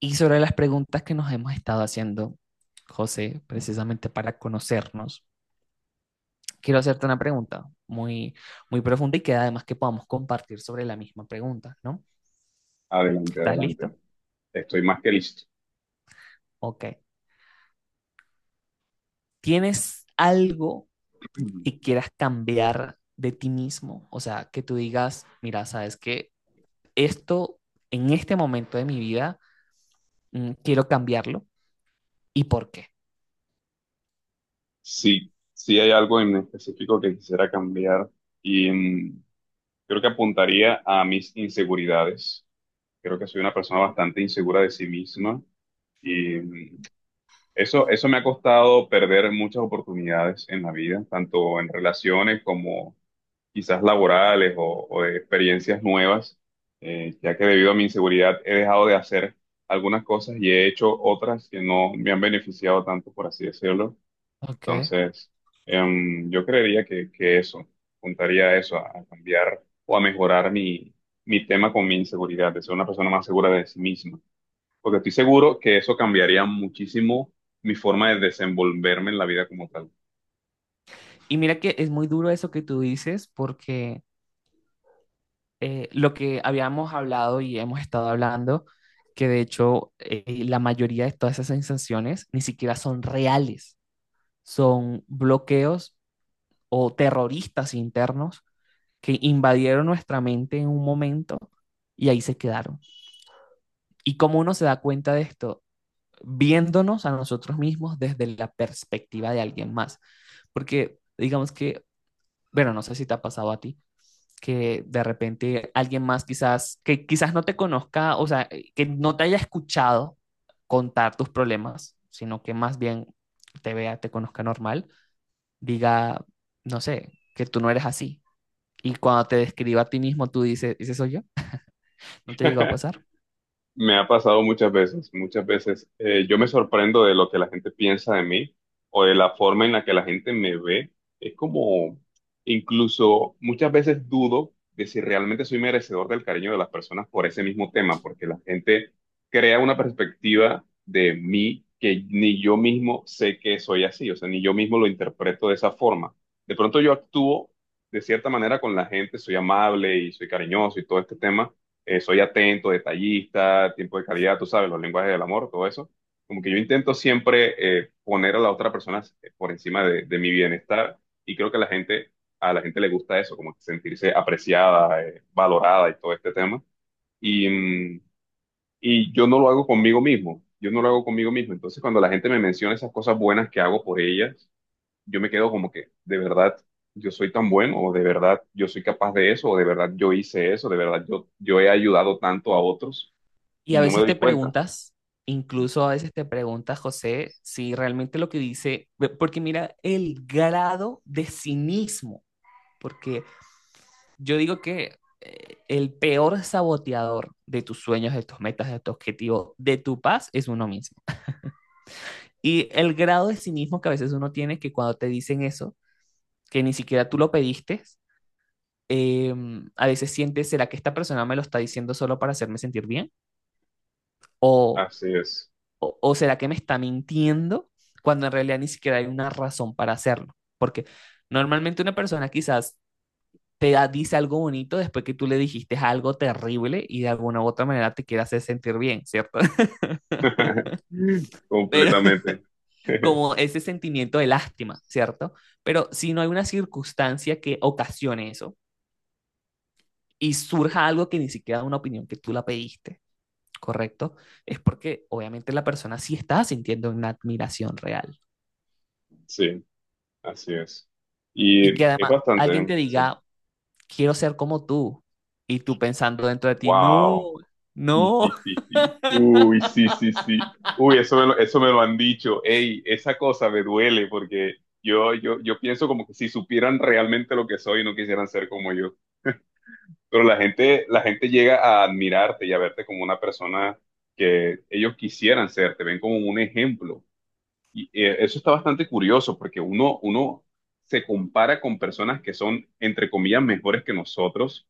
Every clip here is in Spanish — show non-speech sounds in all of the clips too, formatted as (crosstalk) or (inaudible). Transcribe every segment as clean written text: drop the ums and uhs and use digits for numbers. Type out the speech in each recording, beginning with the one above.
Y sobre las preguntas que nos hemos estado haciendo, José, precisamente para conocernos, quiero hacerte una pregunta muy profunda y que además que podamos compartir sobre la misma pregunta, ¿no? Adelante, ¿Estás adelante. listo? Estoy más que listo. Ok. ¿Tienes algo que quieras cambiar de ti mismo? O sea, que tú digas, mira, sabes que esto en este momento de mi vida quiero cambiarlo y por qué. Sí, sí hay algo en específico que quisiera cambiar y creo que apuntaría a mis inseguridades. Creo que soy una persona bastante insegura de sí misma y eso me ha costado perder muchas oportunidades en la vida, tanto en relaciones como quizás laborales o de experiencias nuevas, ya que debido a mi inseguridad he dejado de hacer algunas cosas y he hecho otras que no me han beneficiado tanto, por así decirlo. Ok. Entonces, yo creería que eso, apuntaría a eso, a cambiar o a mejorar mi, mi tema con mi inseguridad, de ser una persona más segura de sí misma, porque estoy seguro que eso cambiaría muchísimo mi forma de desenvolverme en la vida como tal. Y mira que es muy duro eso que tú dices porque lo que habíamos hablado y hemos estado hablando, que de hecho la mayoría de todas esas sensaciones ni siquiera son reales, son bloqueos o terroristas internos que invadieron nuestra mente en un momento y ahí se quedaron. ¿Y cómo uno se da cuenta de esto? Viéndonos a nosotros mismos desde la perspectiva de alguien más. Porque digamos que, bueno, no sé si te ha pasado a ti, que de repente alguien más quizás, que quizás no te conozca, o sea, que no te haya escuchado contar tus problemas, sino que más bien te vea, te conozca normal, diga, no sé, que tú no eres así. Y cuando te describa a ti mismo, tú dices, ¿ese soy yo? ¿No te llegó a (laughs) pasar? Me ha pasado muchas veces, muchas veces. Yo me sorprendo de lo que la gente piensa de mí o de la forma en la que la gente me ve. Es como, incluso muchas veces dudo de si realmente soy merecedor del cariño de las personas por ese mismo tema, porque la gente crea una perspectiva de mí que ni yo mismo sé que soy así, o sea, ni yo mismo lo interpreto de esa forma. De pronto yo actúo de cierta manera con la gente, soy amable y soy cariñoso y todo este tema, soy atento, detallista, tiempo de calidad, tú sabes, los lenguajes del amor, todo eso. Como que yo intento siempre poner a la otra persona por encima de mi bienestar y creo que la gente, a la gente le gusta eso, como que sentirse apreciada, valorada y todo este tema. Y, mm, y yo no lo hago conmigo mismo, yo no lo hago conmigo mismo. Entonces, cuando la gente me menciona esas cosas buenas que hago por ellas, yo me quedo como que, de verdad, yo soy tan bueno, o de verdad, yo soy capaz de eso, o de verdad, yo hice eso, de verdad, yo he ayudado tanto a otros Y y a no me veces doy te cuenta. preguntas, incluso a veces te preguntas, José, si realmente lo que dice, porque mira el grado de cinismo, porque yo digo que el peor saboteador de tus sueños, de tus metas, de tu objetivo, de tu paz es uno mismo. Y el grado de cinismo que a veces uno tiene que cuando te dicen eso, que ni siquiera tú lo pediste, eh, a veces sientes, ¿será que esta persona me lo está diciendo solo para hacerme sentir bien? ¿O, Así es. o será que me está mintiendo cuando en realidad ni siquiera hay una razón para hacerlo? Porque normalmente una persona quizás dice algo bonito después que tú le dijiste algo terrible y de alguna u otra manera te quiere hacer sentir bien, ¿cierto? (laughs) (laughs) Pero Completamente. como (laughs) ese sentimiento de lástima, ¿cierto? Pero si no hay una circunstancia que ocasione eso y surja algo que ni siquiera una opinión que tú la pediste, ¿correcto? Es porque obviamente la persona sí está sintiendo una admiración real Sí, así es. y Y que es además bastante, alguien ¿eh? te Sí. diga, quiero ser como tú y tú pensando dentro de ti, no, Wow. Sí, sí, no, sí, sí. Uy, sí, sí, sí. Uy, eso me lo han dicho. Ey, esa cosa me duele porque yo pienso como que si supieran realmente lo que soy, no quisieran ser como yo. Pero la gente llega a admirarte y a verte como una persona que ellos quisieran ser, te ven como un ejemplo. Y eso está bastante curioso porque uno se compara con personas que son, entre comillas, mejores que nosotros,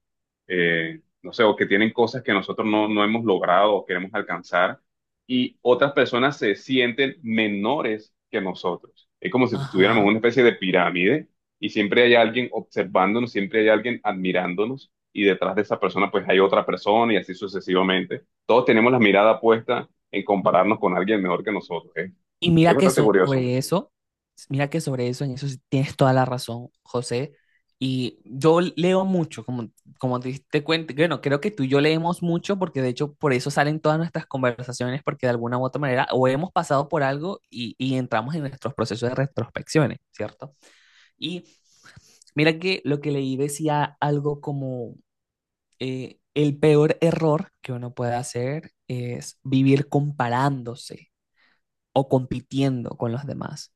no sé, o que tienen cosas que nosotros no hemos logrado o queremos alcanzar, y otras personas se sienten menores que nosotros. Es como si estuviéramos en ajá. una especie de pirámide y siempre hay alguien observándonos, siempre hay alguien admirándonos, y detrás de esa persona pues hay otra persona y así sucesivamente. Todos tenemos la mirada puesta en compararnos con alguien mejor que nosotros. ¿Eh? Y Es mira que bastante curioso. sobre eso, Mira que sobre eso, en eso sí tienes toda la razón, José. Y yo leo mucho, como, como te diste cuenta, bueno, creo que tú y yo leemos mucho porque de hecho por eso salen todas nuestras conversaciones, porque de alguna u otra manera o hemos pasado por algo y entramos en nuestros procesos de retrospecciones, ¿cierto? Y mira que lo que leí decía algo como el peor error que uno puede hacer es vivir comparándose o compitiendo con los demás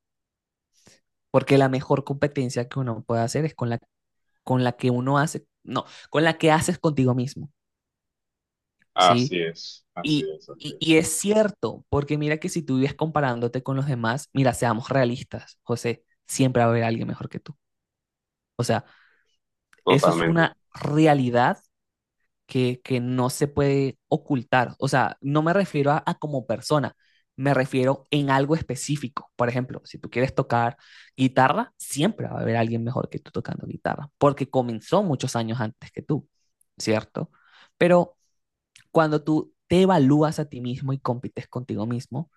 porque la mejor competencia que uno puede hacer es con la que uno hace, no, con la que haces contigo mismo, ¿sí? Así es, así Y, es, así y es. es cierto, porque mira que si tú vives comparándote con los demás, mira, seamos realistas, José, siempre va a haber alguien mejor que tú. O sea, eso es Totalmente. una realidad que no se puede ocultar. O sea, no me refiero a como persona, me refiero en algo específico. Por ejemplo, si tú quieres tocar guitarra, siempre va a haber alguien mejor que tú tocando guitarra, porque comenzó muchos años antes que tú, ¿cierto? Pero cuando tú te evalúas a ti mismo y compites contigo mismo,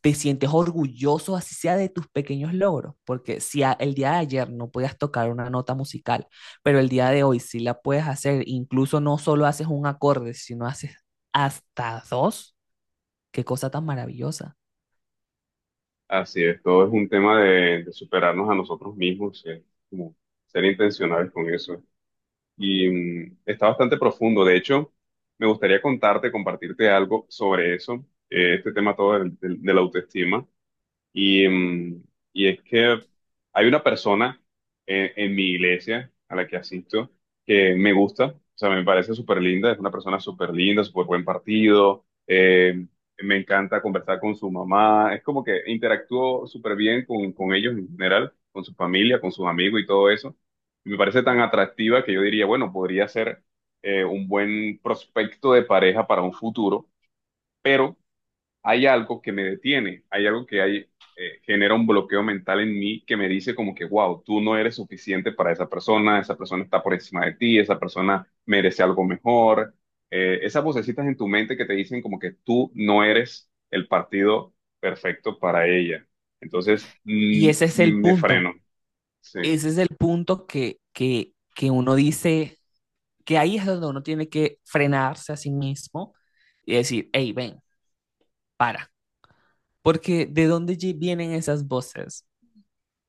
te sientes orgulloso, así sea de tus pequeños logros, porque si a- el día de ayer no podías tocar una nota musical, pero el día de hoy sí la puedes hacer, incluso no solo haces un acorde, sino haces hasta dos, qué cosa tan maravillosa. Así es. Todo es un tema de superarnos a nosotros mismos, como ser intencionales con eso. Y está bastante profundo. De hecho, me gustaría contarte, compartirte algo sobre eso, este tema todo de la autoestima. Y, mm, y es que hay una persona en mi iglesia a la que asisto que me gusta, o sea, me parece súper linda, es una persona súper linda, súper buen partido, me encanta conversar con su mamá, es como que interactúo súper bien con ellos en general, con su familia, con sus amigos y todo eso. Y me parece tan atractiva que yo diría, bueno, podría ser un buen prospecto de pareja para un futuro, pero hay algo que me detiene, hay algo que hay, genera un bloqueo mental en mí que me dice como que, wow, tú no eres suficiente para esa persona está por encima de ti, esa persona merece algo mejor. Esas vocecitas en tu mente que te dicen como que tú no eres el partido perfecto para ella. Entonces, Y ese es el me punto, freno, sí, ese es el punto que uno dice, que ahí es donde uno tiene que frenarse a sí mismo y decir, hey, ven, para, porque ¿de dónde vienen esas voces?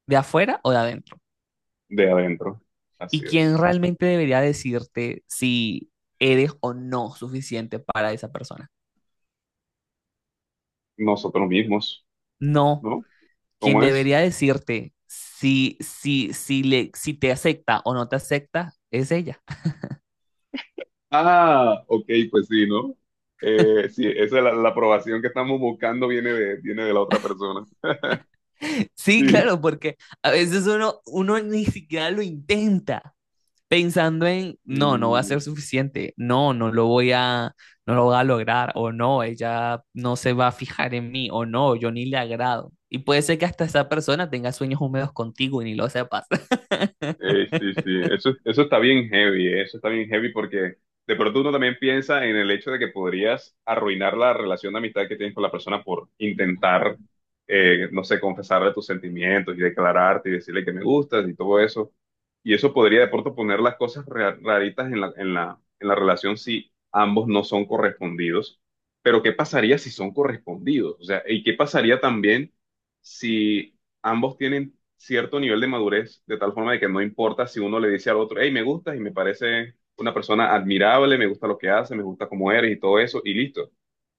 ¿De afuera o de adentro? de adentro. Así ¿Y quién es. realmente debería decirte si eres o no suficiente para esa persona? Nosotros mismos, No, ¿no? quien ¿Cómo es? debería decirte si te acepta o no te acepta es ella. (laughs) Ah, ok, pues sí, ¿no? Sí, esa es la, la aprobación que estamos buscando viene de la otra persona. Sí, Sí, claro, porque a veces uno ni siquiera lo intenta, pensando en, no, no va a ser sí. suficiente, no lo voy no lo voy a lograr, o no, ella no se va a fijar en mí, o no, yo ni le agrado. Y puede ser que hasta esa persona tenga sueños húmedos contigo y ni lo sepas. (laughs) Sí, sí, eso está bien heavy, eso está bien heavy porque de pronto uno también piensa en el hecho de que podrías arruinar la relación de amistad que tienes con la persona por intentar, no sé, confesarle tus sentimientos y declararte y decirle que me gustas y todo eso. Y eso podría de pronto poner las cosas raritas en la relación si ambos no son correspondidos. Pero ¿qué pasaría si son correspondidos? O sea, ¿y qué pasaría también si ambos tienen cierto nivel de madurez, de tal forma de que no importa si uno le dice al otro, hey, me gustas y me parece una persona admirable, me gusta lo que hace, me gusta cómo eres y todo eso, y listo.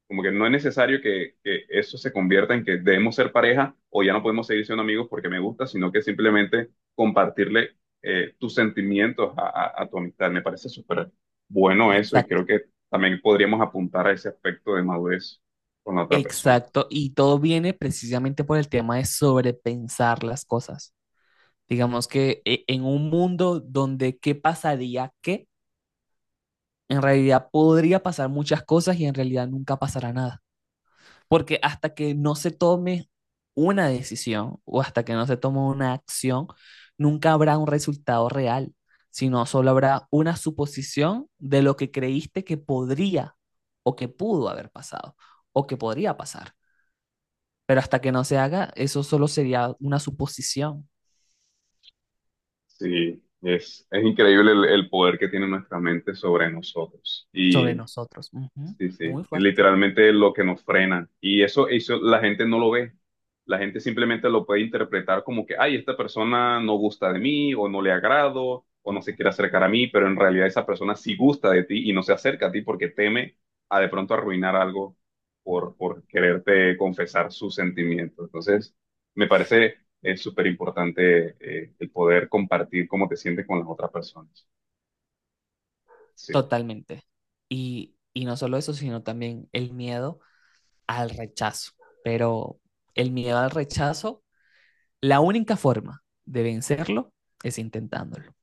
Como que no es necesario que eso se convierta en que debemos ser pareja o ya no podemos seguir siendo amigos porque me gusta, sino que simplemente compartirle tus sentimientos a, a tu amistad. Me parece súper bueno eso y Exacto, creo que también podríamos apuntar a ese aspecto de madurez con la otra persona. exacto. Y todo viene precisamente por el tema de sobrepensar las cosas. Digamos que en un mundo donde qué pasaría qué, en realidad podría pasar muchas cosas y en realidad nunca pasará nada. Porque hasta que no se tome una decisión o hasta que no se tome una acción, nunca habrá un resultado real, sino solo habrá una suposición de lo que creíste que podría o que pudo haber pasado o que podría pasar. Pero hasta que no se haga, eso solo sería una suposición Sí, es increíble el poder que tiene nuestra mente sobre nosotros. sobre Y nosotros. Ujú. sí, sí, Muy es fuerte, literalmente lo que nos frena. Y eso la gente no lo ve. La gente simplemente lo puede interpretar como que, ay, esta persona no gusta de mí, o no le agrado, o no se quiere acercar a mí, pero en realidad esa persona sí gusta de ti y no se acerca a ti porque teme a de pronto arruinar algo por quererte confesar sus sentimientos. Entonces, me parece es súper importante el poder compartir cómo te sientes con las otras personas. Sí. totalmente. Y no solo eso, sino también el miedo al rechazo. Pero el miedo al rechazo, la única forma de vencerlo es intentándolo.